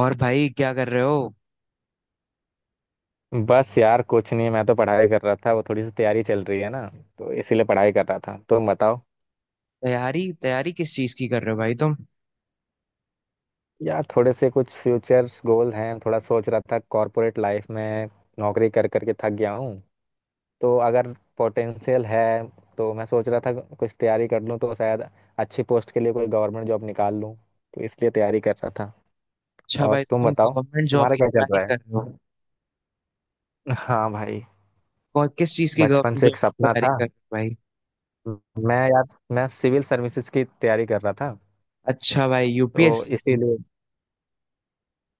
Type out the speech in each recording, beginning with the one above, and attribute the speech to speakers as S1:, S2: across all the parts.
S1: और भाई क्या कर रहे हो।
S2: बस यार कुछ नहीं। मैं तो पढ़ाई कर रहा था, वो थोड़ी सी तैयारी चल रही है ना, तो इसीलिए पढ़ाई कर रहा था। तुम बताओ।
S1: तैयारी तैयारी किस चीज की कर रहे हो भाई तुम।
S2: यार थोड़े से कुछ फ्यूचर गोल हैं, थोड़ा सोच रहा था कॉर्पोरेट लाइफ में। नौकरी कर करके थक गया हूँ। तो अगर पोटेंशियल है तो मैं सोच रहा था कुछ तैयारी कर लूँ, तो शायद अच्छी पोस्ट के लिए कोई गवर्नमेंट जॉब निकाल लूँ। तो इसलिए तैयारी कर रहा था।
S1: अच्छा
S2: और
S1: भाई तो
S2: तुम
S1: तुम
S2: बताओ,
S1: गवर्नमेंट जॉब
S2: तुम्हारा
S1: की
S2: क्या चल
S1: तैयारी
S2: रहा है?
S1: कर रहे हो।
S2: हाँ भाई।
S1: कौन किस चीज की
S2: बचपन
S1: गवर्नमेंट
S2: से
S1: जॉब
S2: एक
S1: की
S2: सपना
S1: तैयारी
S2: था।
S1: कर रहे हो भाई।
S2: मैं यार मैं सिविल सर्विसेज की तैयारी कर रहा था।
S1: अच्छा भाई
S2: तो
S1: यूपीएससी की।
S2: इसीलिए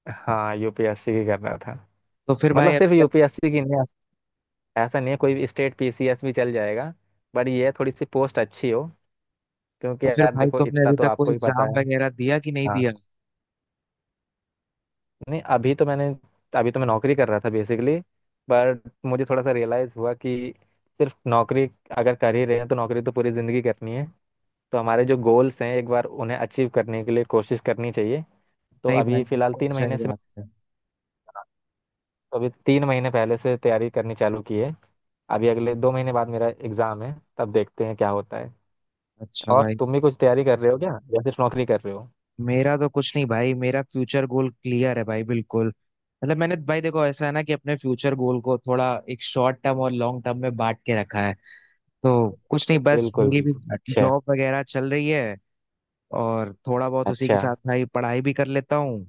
S2: हाँ, यूपीएससी की कर रहा था।
S1: तो फिर
S2: मतलब
S1: भाई अभी
S2: सिर्फ
S1: तक,
S2: यूपीएससी की नहीं, ऐसा नहीं है, कोई भी स्टेट पीसीएस भी चल जाएगा। बट ये है, थोड़ी सी पोस्ट अच्छी हो, क्योंकि
S1: तो फिर
S2: यार
S1: भाई
S2: देखो
S1: तुमने
S2: इतना
S1: अभी
S2: तो
S1: तक कोई
S2: आपको ही पता
S1: एग्जाम
S2: है।
S1: वगैरह दिया कि नहीं
S2: हाँ।
S1: दिया।
S2: नहीं, अभी तो मैं नौकरी कर रहा था बेसिकली। बट मुझे थोड़ा सा रियलाइज हुआ कि सिर्फ नौकरी अगर कर ही रहे हैं, तो नौकरी तो पूरी जिंदगी करनी है। तो हमारे जो गोल्स हैं एक बार उन्हें अचीव करने के लिए कोशिश करनी चाहिए। तो
S1: नहीं
S2: अभी
S1: भाई
S2: फिलहाल
S1: बिल्कुल
S2: तीन
S1: सही
S2: महीने से मैं
S1: बात है।
S2: तो अभी तीन महीने पहले से तैयारी करनी चालू की है। अभी अगले 2 महीने बाद मेरा एग्जाम है, तब देखते हैं क्या होता है।
S1: अच्छा
S2: और
S1: भाई।
S2: तुम भी कुछ तैयारी कर रहे हो क्या, या सिर्फ नौकरी कर रहे हो?
S1: मेरा तो कुछ नहीं भाई, मेरा फ्यूचर गोल क्लियर है भाई बिल्कुल। मतलब मैंने भाई देखो ऐसा है ना कि अपने फ्यूचर गोल को थोड़ा एक शॉर्ट टर्म और लॉन्ग टर्म में बांट के रखा है। तो कुछ नहीं बस
S2: बिल्कुल
S1: मेरी भी
S2: बिल्कुल, अच्छा।
S1: जॉब वगैरह चल रही है, और थोड़ा बहुत उसी के
S2: अच्छा।
S1: साथ भाई पढ़ाई भी कर लेता हूँ।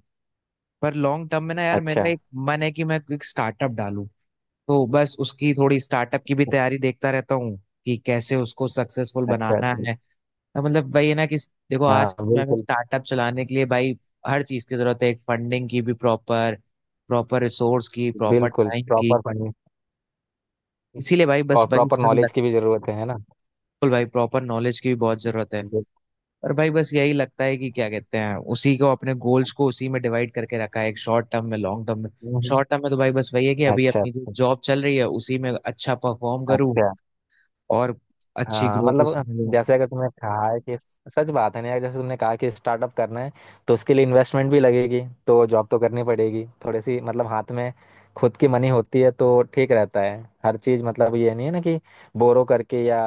S1: पर लॉन्ग टर्म में ना यार
S2: अच्छा
S1: मेरा एक मन है कि मैं एक स्टार्टअप डालूं। तो बस उसकी थोड़ी स्टार्टअप की भी तैयारी देखता रहता हूँ कि कैसे उसको सक्सेसफुल
S2: अच्छा
S1: बनाना
S2: अच्छा।
S1: है। तो मतलब वही है ना कि देखो आज
S2: हाँ
S1: के समय में
S2: बिल्कुल,
S1: स्टार्टअप चलाने के लिए भाई हर चीज की जरूरत है, एक फंडिंग की भी, प्रॉपर प्रॉपर रिसोर्स की, प्रॉपर
S2: बिल्कुल
S1: टाइम की।
S2: प्रॉपर पढ़ने
S1: इसीलिए भाई बस
S2: और
S1: भाई
S2: प्रॉपर
S1: सर बिल्कुल।
S2: नॉलेज की भी जरूरत है ना।
S1: भाई प्रॉपर नॉलेज की भी बहुत जरूरत है।
S2: बिल्कुल।
S1: और भाई बस यही लगता है कि क्या कहते हैं उसी को अपने गोल्स को उसी में डिवाइड करके रखा है, एक शॉर्ट टर्म में लॉन्ग टर्म में।
S2: हम्म, हम्म।
S1: शॉर्ट टर्म में तो भाई बस वही है कि अभी
S2: अच्छा
S1: अपनी जो
S2: अच्छा।
S1: जॉब चल रही है उसी में अच्छा परफॉर्म करूँ
S2: अच्छा।
S1: और अच्छी
S2: हाँ
S1: ग्रोथ उसी
S2: मतलब
S1: में लूँ।
S2: जैसे अगर तुमने कहा है कि, सच बात है ना यार, जैसे तुमने कहा कि स्टार्टअप करना है, तो उसके लिए इन्वेस्टमेंट भी लगेगी। तो जॉब तो करनी पड़ेगी थोड़ी सी, मतलब हाथ में खुद की मनी होती है तो ठीक रहता है हर चीज। मतलब ये नहीं है ना कि बोरो करके या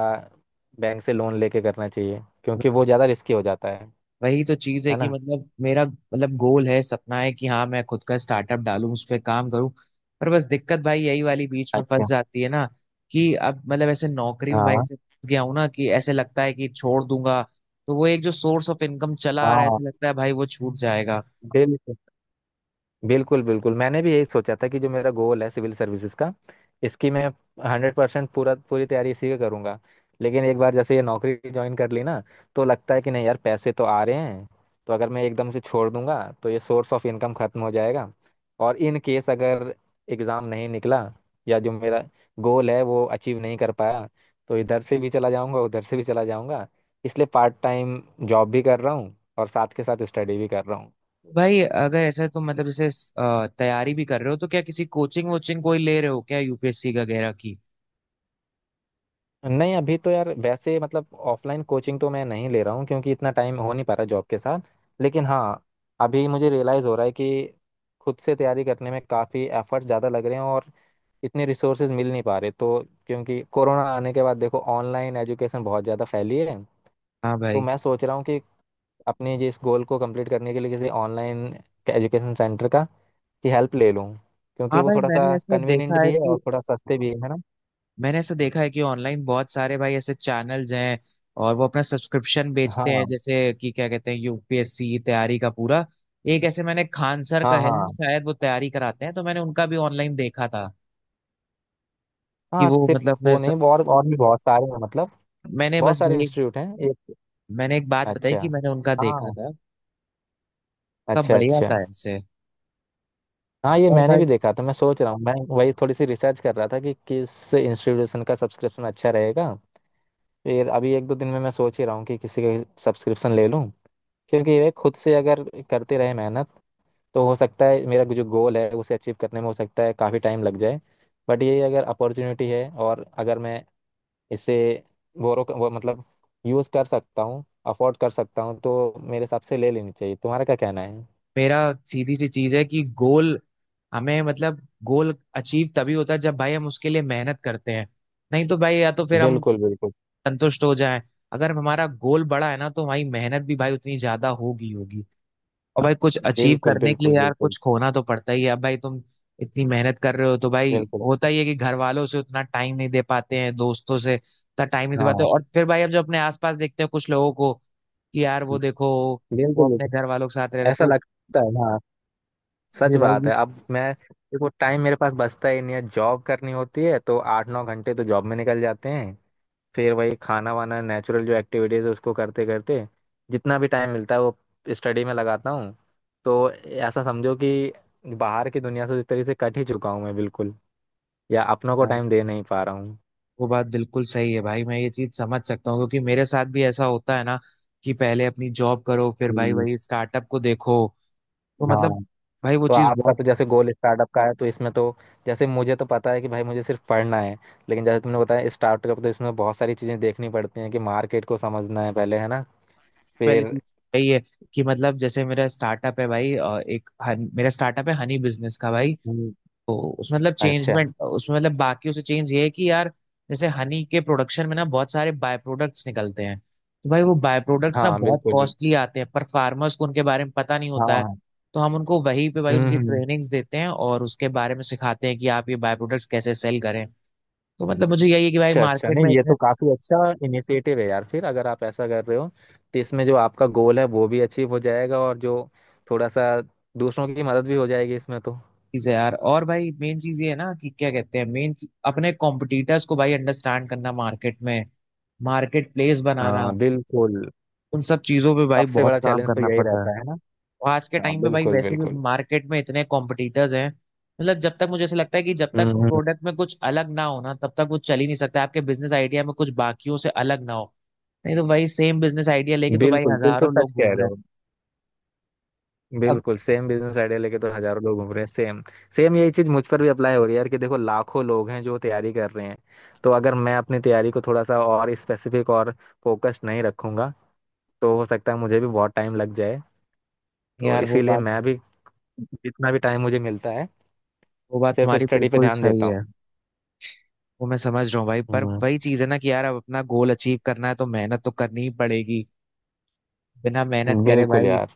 S2: बैंक से लोन लेके करना चाहिए, क्योंकि वो ज्यादा रिस्की हो जाता है।
S1: वही तो चीज है
S2: है
S1: कि
S2: ना।
S1: मतलब मेरा मतलब गोल है, सपना है कि हाँ मैं खुद का स्टार्टअप डालूं, उस पर काम करूं। पर बस दिक्कत भाई यही वाली बीच में
S2: अच्छा।
S1: फंस जाती है ना कि अब मतलब ऐसे नौकरी में भाई
S2: हाँ।
S1: ऐसे फंस गया हूं ना कि ऐसे लगता है कि छोड़ दूंगा तो वो एक जो सोर्स ऑफ इनकम चला आ रहा है
S2: हाँ।
S1: ऐसे लगता है भाई वो छूट जाएगा।
S2: बिल्कुल बिल्कुल बिल्कुल, मैंने भी यही सोचा था कि जो मेरा गोल है सिविल सर्विसेज का, इसकी मैं 100% पूरा पूरी तैयारी इसी का करूंगा। लेकिन एक बार जैसे ये नौकरी ज्वाइन कर ली ना, तो लगता है कि नहीं यार पैसे तो आ रहे हैं। तो अगर मैं एकदम से छोड़ दूंगा तो ये सोर्स ऑफ इनकम खत्म हो जाएगा। और इन केस अगर एग्जाम नहीं निकला, या जो मेरा गोल है वो अचीव नहीं कर पाया, तो इधर से भी चला जाऊंगा, उधर से भी चला जाऊंगा। इसलिए पार्ट टाइम जॉब भी कर रहा हूँ और साथ के साथ स्टडी भी कर रहा हूँ।
S1: भाई अगर ऐसा तो मतलब जैसे तैयारी भी कर रहे हो तो क्या किसी कोचिंग वोचिंग कोई ले रहे हो क्या यूपीएससी वगैरह की।
S2: नहीं, अभी तो यार वैसे मतलब ऑफलाइन कोचिंग तो मैं नहीं ले रहा हूँ, क्योंकि इतना टाइम हो नहीं पा रहा जॉब के साथ। लेकिन हाँ, अभी मुझे रियलाइज़ हो रहा है कि खुद से तैयारी करने में काफ़ी एफर्ट ज़्यादा लग रहे हैं, और इतने रिसोर्सेज मिल नहीं पा रहे। तो क्योंकि कोरोना आने के बाद देखो, ऑनलाइन एजुकेशन बहुत ज़्यादा फैली है।
S1: हाँ
S2: तो
S1: भाई।
S2: मैं सोच रहा हूँ कि अपने जिस गोल को कंप्लीट करने के लिए किसी ऑनलाइन एजुकेशन सेंटर का, की हेल्प ले लूँ। क्योंकि
S1: हाँ
S2: वो
S1: भाई
S2: थोड़ा सा
S1: मैंने ऐसा
S2: कन्वीनियंट
S1: देखा है
S2: भी है और
S1: कि,
S2: थोड़ा सस्ते भी है ना।
S1: मैंने ऐसा देखा है कि ऑनलाइन बहुत सारे भाई ऐसे चैनल्स हैं और वो अपना सब्सक्रिप्शन बेचते हैं
S2: हाँ
S1: जैसे कि क्या कहते हैं यूपीएससी की तैयारी का पूरा एक ऐसे मैंने खान सर
S2: हाँ।
S1: का है
S2: हाँ
S1: शायद, वो तैयारी कराते हैं तो मैंने उनका भी ऑनलाइन देखा था कि
S2: हाँ।
S1: वो
S2: सिर्फ
S1: मतलब अपने
S2: वो
S1: सब
S2: नहीं, और और भी बहुत सारे हैं। मतलब
S1: मैंने
S2: बहुत
S1: बस
S2: सारे
S1: भाई
S2: इंस्टीट्यूट हैं एक।
S1: मैंने एक बात बताई
S2: अच्छा।
S1: कि मैंने उनका देखा
S2: हाँ।
S1: था, कब
S2: अच्छा
S1: बढ़िया
S2: अच्छा।
S1: था ऐसे।
S2: हाँ ये
S1: और
S2: मैंने भी
S1: भाई
S2: देखा था। मैं सोच रहा हूँ, मैं वही थोड़ी सी रिसर्च कर रहा था कि किस इंस्टीट्यूशन का सब्सक्रिप्शन अच्छा रहेगा। फिर अभी एक दो दिन में मैं सोच ही रहा हूँ कि किसी का सब्सक्रिप्शन ले लूँ। क्योंकि ये खुद से अगर करते रहे मेहनत, तो हो सकता है मेरा जो गोल है उसे अचीव करने में हो सकता है काफ़ी टाइम लग जाए। बट ये अगर अपॉर्चुनिटी है, और अगर मैं इसे बोरो वो मतलब यूज़ कर सकता हूँ, अफोर्ड कर सकता हूँ, तो मेरे हिसाब से ले लेनी चाहिए। तुम्हारा क्या कहना है?
S1: मेरा सीधी सी चीज है कि गोल हमें मतलब गोल अचीव तभी होता है जब भाई हम उसके लिए मेहनत करते हैं। नहीं तो भाई या तो फिर हम
S2: बिल्कुल बिल्कुल।
S1: संतुष्ट हो जाए। अगर हमारा गोल बड़ा है ना तो हमारी मेहनत भी भाई उतनी ज्यादा होगी होगी। और भाई कुछ अचीव
S2: बिल्कुल
S1: करने के लिए
S2: बिल्कुल।
S1: यार
S2: बिल्कुल
S1: कुछ खोना तो पड़ता ही है। अब भाई तुम इतनी मेहनत कर रहे हो तो भाई
S2: बिल्कुल।
S1: होता ही है कि घर वालों से उतना टाइम नहीं दे पाते हैं, दोस्तों से उतना टाइम नहीं दे पाते।
S2: हाँ
S1: और फिर भाई अब जब अपने आसपास देखते हैं कुछ लोगों को कि यार वो देखो वो
S2: बिल्कुल
S1: अपने घर
S2: बिल्कुल।
S1: वालों के साथ रह रहे
S2: ऐसा
S1: तो
S2: लगता है, हाँ। सच
S1: इसलिए भाई
S2: बात
S1: ये।
S2: है। अब मैं देखो टाइम मेरे पास बचता ही नहीं है। जॉब करनी होती है तो 8-9 घंटे तो जॉब में निकल जाते हैं। फिर वही खाना वाना, नेचुरल जो एक्टिविटीज़ है उसको करते करते, जितना भी टाइम मिलता है वो स्टडी में लगाता हूँ। तो ऐसा समझो कि बाहर की दुनिया से एक तरीके से कट ही चुका हूँ मैं बिल्कुल। या अपनों को
S1: यार
S2: टाइम दे नहीं पा रहा हूँ।
S1: वो बात बिल्कुल सही है भाई, मैं ये चीज समझ सकता हूँ क्योंकि मेरे साथ भी ऐसा होता है ना कि पहले अपनी जॉब करो फिर भाई
S2: हम्म।
S1: वही स्टार्टअप को देखो। वो मतलब
S2: हाँ,
S1: भाई वो
S2: तो
S1: चीज
S2: आपका
S1: बहुत।
S2: तो जैसे गोल स्टार्टअप का है तो इसमें तो, जैसे मुझे तो पता है कि भाई मुझे सिर्फ पढ़ना है। लेकिन जैसे तुमने बताया स्टार्टअप, तो इसमें बहुत सारी चीज़ें देखनी पड़ती हैं कि मार्केट को समझना है पहले, है ना।
S1: पहली
S2: फिर
S1: चीज यही है कि मतलब जैसे मेरा स्टार्टअप है भाई मेरा स्टार्टअप है हनी बिजनेस का भाई।
S2: हम्म।
S1: तो उसमें मतलब
S2: अच्छा,
S1: चेंजमेंट उसमें मतलब बाकी उसे चेंज ये है कि यार जैसे हनी के प्रोडक्शन में ना बहुत सारे बाय प्रोडक्ट्स निकलते हैं तो भाई वो बाय प्रोडक्ट्स ना
S2: हाँ
S1: बहुत
S2: बिल्कुल बिल्कुल।
S1: कॉस्टली आते हैं पर फार्मर्स को उनके बारे में पता नहीं
S2: हाँ
S1: होता है।
S2: हाँ।
S1: तो हम उनको वहीं पे भाई उनकी
S2: हम्म।
S1: ट्रेनिंग्स देते हैं और उसके बारे में सिखाते हैं कि आप ये बाय प्रोडक्ट्स कैसे सेल करें। तो मतलब मुझे यही है कि भाई
S2: अच्छा अच्छा,
S1: मार्केट में
S2: नहीं ये
S1: इतने
S2: तो काफी अच्छा इनिशिएटिव है यार। फिर अगर आप ऐसा कर रहे हो, तो इसमें जो आपका गोल है वो भी अचीव हो जाएगा, और जो थोड़ा सा दूसरों की मदद भी हो जाएगी इसमें तो।
S1: चीज है यार। और भाई मेन चीज ये है ना कि क्या कहते हैं मेन अपने कॉम्पिटिटर्स को भाई अंडरस्टैंड करना, मार्केट में मार्केट प्लेस बनाना,
S2: हाँ बिल्कुल।
S1: उन सब चीजों पे भाई
S2: सबसे
S1: बहुत
S2: बड़ा
S1: काम
S2: चैलेंज तो
S1: करना
S2: यही
S1: पड़ता है।
S2: रहता है ना।
S1: और आज के
S2: हाँ
S1: टाइम पे भाई
S2: बिल्कुल
S1: वैसे भी
S2: बिल्कुल।
S1: मार्केट में इतने कॉम्पिटिटर्स हैं, मतलब जब तक मुझे ऐसा लगता है कि जब तक
S2: हम्म।
S1: प्रोडक्ट में कुछ अलग ना हो ना तब तक वो चल ही नहीं सकता, आपके बिजनेस आइडिया में कुछ बाकियों से अलग ना हो। नहीं तो भाई सेम बिजनेस आइडिया लेके तो भाई
S2: बिल्कुल बिल्कुल,
S1: हजारों लोग
S2: सच कह
S1: घूम
S2: रहे
S1: रहे हैं।
S2: हो।
S1: अब
S2: बिल्कुल, सेम बिजनेस आइडिया लेके तो हजारों लोग घूम रहे हैं, सेम। सेम यही चीज मुझ पर भी अप्लाई हो रही है यार, कि देखो लाखों लोग हैं जो तैयारी कर रहे हैं। तो अगर मैं अपनी तैयारी को थोड़ा सा और स्पेसिफिक और फोकस्ड नहीं रखूंगा, तो हो सकता है मुझे भी बहुत टाइम लग जाए। तो
S1: यार वो
S2: इसीलिए
S1: बात,
S2: मैं भी जितना भी टाइम मुझे मिलता है,
S1: वो बात
S2: सिर्फ
S1: तुम्हारी
S2: स्टडी पे
S1: बिल्कुल
S2: ध्यान
S1: सही
S2: देता
S1: है।
S2: हूँ।
S1: वो मैं समझ रहा हूँ भाई पर
S2: हम्म।
S1: वही चीज है ना कि यार अब अपना गोल अचीव करना है तो मेहनत तो करनी ही पड़ेगी। बिना मेहनत करे
S2: बिल्कुल
S1: भाई
S2: यार।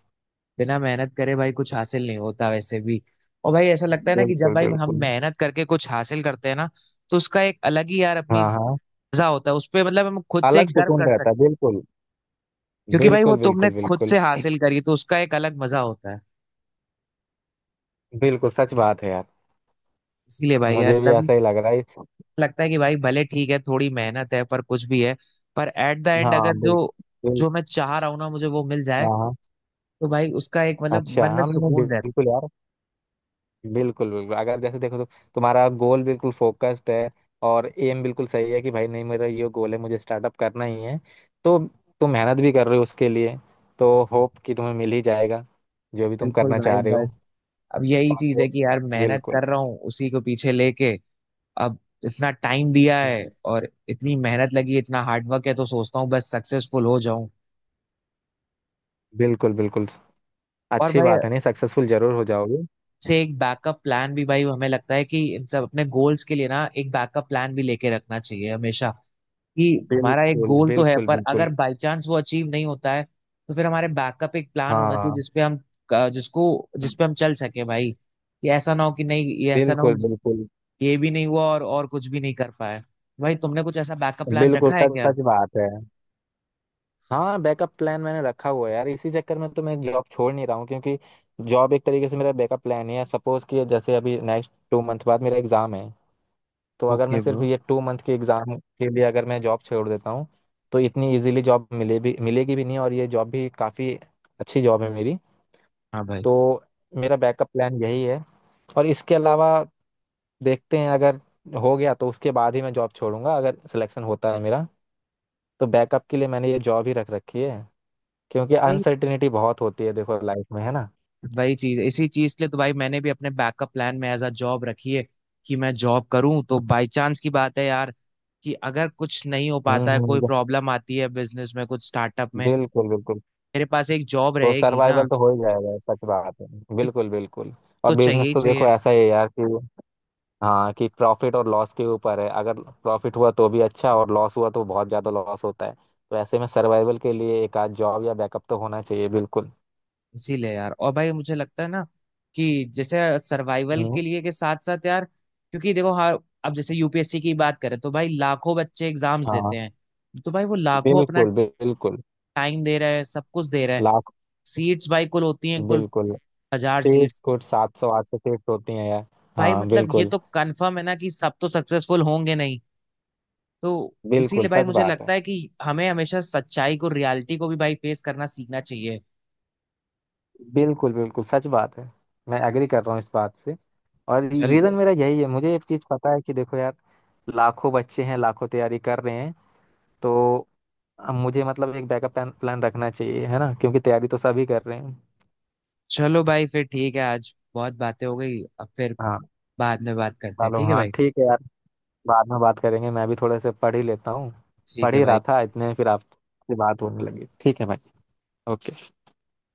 S1: बिना मेहनत करे भाई कुछ हासिल नहीं होता वैसे भी। और भाई ऐसा लगता है ना कि जब
S2: बिल्कुल
S1: भाई हम
S2: बिल्कुल।
S1: मेहनत करके कुछ हासिल करते हैं ना तो उसका एक अलग ही यार अपनी
S2: हाँ हाँ।
S1: मजा होता है, उस पे मतलब हम खुद से
S2: अलग
S1: एक गर्व
S2: सुकून
S1: कर
S2: रहता
S1: सकते
S2: है
S1: हैं।
S2: बिल्कुल।
S1: क्योंकि भाई वो
S2: बिल्कुल
S1: तुमने
S2: बिल्कुल
S1: खुद
S2: बिल्कुल।
S1: से हासिल करी तो उसका एक अलग मजा होता है।
S2: बिल्कुल सच बात है यार।
S1: इसीलिए भाई यार
S2: मुझे भी
S1: तभी
S2: ऐसा ही लग रहा है।
S1: लगता है कि भाई भले ठीक है थोड़ी मेहनत है पर कुछ भी है, पर एट द एंड
S2: हाँ
S1: अगर जो
S2: बिल्कुल। बिल्कुल।
S1: जो मैं चाह रहा हूँ ना मुझे वो मिल जाए
S2: हाँ हाँ।
S1: तो भाई उसका एक मतलब
S2: अच्छा,
S1: मन में
S2: हाँ मैंने
S1: सुकून रहता
S2: बिल्कुल यार बिल्कुल बिल्कुल, अगर जैसे देखो तो तुम्हारा गोल बिल्कुल फोकस्ड है, और एम बिल्कुल सही है कि भाई नहीं, मेरा ये गोल है, मुझे स्टार्टअप करना ही है। तो तुम मेहनत भी कर रहे हो उसके लिए, तो होप कि तुम्हें मिल ही जाएगा जो भी
S1: है।
S2: तुम
S1: बिल्कुल
S2: करना
S1: भाई
S2: चाह रहे हो।
S1: बस अब यही
S2: और
S1: चीज है
S2: जो-
S1: कि यार मेहनत
S2: बिल्कुल।
S1: कर रहा हूँ उसी को पीछे लेके। अब इतना टाइम दिया है
S2: हम्म।
S1: और इतनी मेहनत लगी, इतना हार्डवर्क है, तो सोचता हूँ बस सक्सेसफुल हो जाऊं।
S2: बिल्कुल बिल्कुल,
S1: और
S2: अच्छी
S1: भाई
S2: बात है, नहीं सक्सेसफुल जरूर हो जाओगे।
S1: से एक बैकअप प्लान भी, भाई हमें लगता है कि इन सब अपने गोल्स के लिए ना एक बैकअप प्लान भी लेके रखना चाहिए हमेशा। कि हमारा एक
S2: बिल्कुल
S1: गोल तो है
S2: बिल्कुल
S1: पर अगर
S2: बिल्कुल।
S1: बाई चांस वो अचीव नहीं होता है तो फिर हमारे बैकअप एक प्लान होना चाहिए
S2: हाँ
S1: जिसपे हम जिसको जिसपे हम चल सके भाई कि ऐसा ना हो कि नहीं ये ऐसा ना हो,
S2: बिल्कुल बिल्कुल।
S1: ये भी नहीं हुआ और कुछ भी नहीं कर पाए। भाई तुमने कुछ ऐसा बैकअप प्लान
S2: बिल्कुल
S1: रखा है
S2: सच
S1: बिल्कुल क्या।
S2: सच बात है। हाँ बैकअप प्लान मैंने रखा हुआ है यार, इसी चक्कर में तो मैं जॉब छोड़ नहीं रहा हूँ। क्योंकि जॉब एक तरीके से मेरा बैकअप प्लान है। सपोज कि जैसे अभी नेक्स्ट 2 month बाद मेरा एग्जाम है, तो
S1: भाई
S2: अगर
S1: ओके
S2: मैं सिर्फ
S1: ब्रो।
S2: ये 2 month के एग्जाम के लिए अगर मैं जॉब छोड़ देता हूँ, तो इतनी इजीली जॉब मिले भी, मिलेगी भी नहीं। और ये जॉब भी काफ़ी अच्छी जॉब है मेरी।
S1: हाँ भाई।
S2: तो मेरा बैकअप प्लान यही है। और इसके अलावा देखते हैं, अगर हो गया तो उसके बाद ही मैं जॉब छोड़ूंगा, अगर सिलेक्शन होता है मेरा। तो बैकअप के लिए मैंने ये जॉब ही रख रखी है, क्योंकि
S1: भाई
S2: अनसर्टिनिटी बहुत होती है देखो लाइफ में, है ना।
S1: वही चीज, इसी चीज के लिए तो भाई मैंने भी अपने बैकअप प्लान में एज अ जॉब रखी है। कि मैं जॉब करूं तो बाय चांस की बात है यार कि अगर कुछ नहीं हो पाता है, कोई
S2: हम्म।
S1: प्रॉब्लम आती है बिजनेस में कुछ स्टार्टअप में,
S2: बिल्कुल बिल्कुल।
S1: मेरे पास एक जॉब
S2: तो
S1: रहेगी ना।
S2: सर्वाइवल तो हो ही जाएगा, सच बात है।
S1: एक
S2: बिल्कुल बिल्कुल। और
S1: तो चाहिए
S2: बिजनेस
S1: ही
S2: तो देखो
S1: चाहिए।
S2: ऐसा ही है यार कि, हाँ कि प्रॉफिट और लॉस के ऊपर है, अगर प्रॉफिट हुआ तो भी अच्छा, और लॉस हुआ तो बहुत ज्यादा लॉस होता है। तो ऐसे में सर्वाइवल के लिए एक आध जॉब या बैकअप तो होना चाहिए बिल्कुल।
S1: इसीलिए यार, और भाई मुझे लगता है ना कि जैसे सर्वाइवल
S2: हम्म।
S1: के लिए के साथ साथ यार क्योंकि देखो हाँ अब जैसे यूपीएससी की बात करें तो भाई लाखों बच्चे एग्जाम्स
S2: हाँ
S1: देते हैं, तो भाई वो लाखों अपना
S2: बिल्कुल बिल्कुल।
S1: टाइम दे रहे हैं सब कुछ दे रहे हैं।
S2: लाख।
S1: सीट्स भाई कुल होती हैं कुल
S2: बिल्कुल।
S1: हजार सीट।
S2: सीट्स कुछ 700-800 सीट्स होती हैं यार।
S1: भाई
S2: हाँ
S1: मतलब ये
S2: बिल्कुल।
S1: तो कंफर्म है ना कि सब तो सक्सेसफुल होंगे नहीं। तो
S2: बिल्कुल
S1: इसीलिए भाई
S2: सच
S1: मुझे
S2: बात है।
S1: लगता है कि हमें हमेशा सच्चाई को, रियलिटी को भी भाई फेस करना सीखना चाहिए।
S2: बिल्कुल बिल्कुल सच बात है। मैं एग्री कर रहा हूँ इस बात से। और
S1: चल
S2: रीज़न मेरा यही है, मुझे एक चीज़ पता है कि देखो यार, लाखों बच्चे हैं, लाखों तैयारी कर रहे हैं। तो अब मुझे मतलब एक बैकअप प्लान प्लान रखना चाहिए, है ना, क्योंकि तैयारी तो सभी कर रहे हैं।
S1: चलो भाई फिर ठीक है, आज बहुत बातें हो गई, अब फिर
S2: हाँ।
S1: बाद में बात करते हैं
S2: चलो
S1: ठीक है
S2: हाँ
S1: भाई।
S2: ठीक है यार, बाद में बात करेंगे, मैं भी थोड़े से पढ़ ही लेता हूँ।
S1: ठीक
S2: पढ़
S1: है
S2: ही
S1: भाई।
S2: रहा था, इतने में फिर आपसे बात होने लगी। ठीक है भाई। ओके।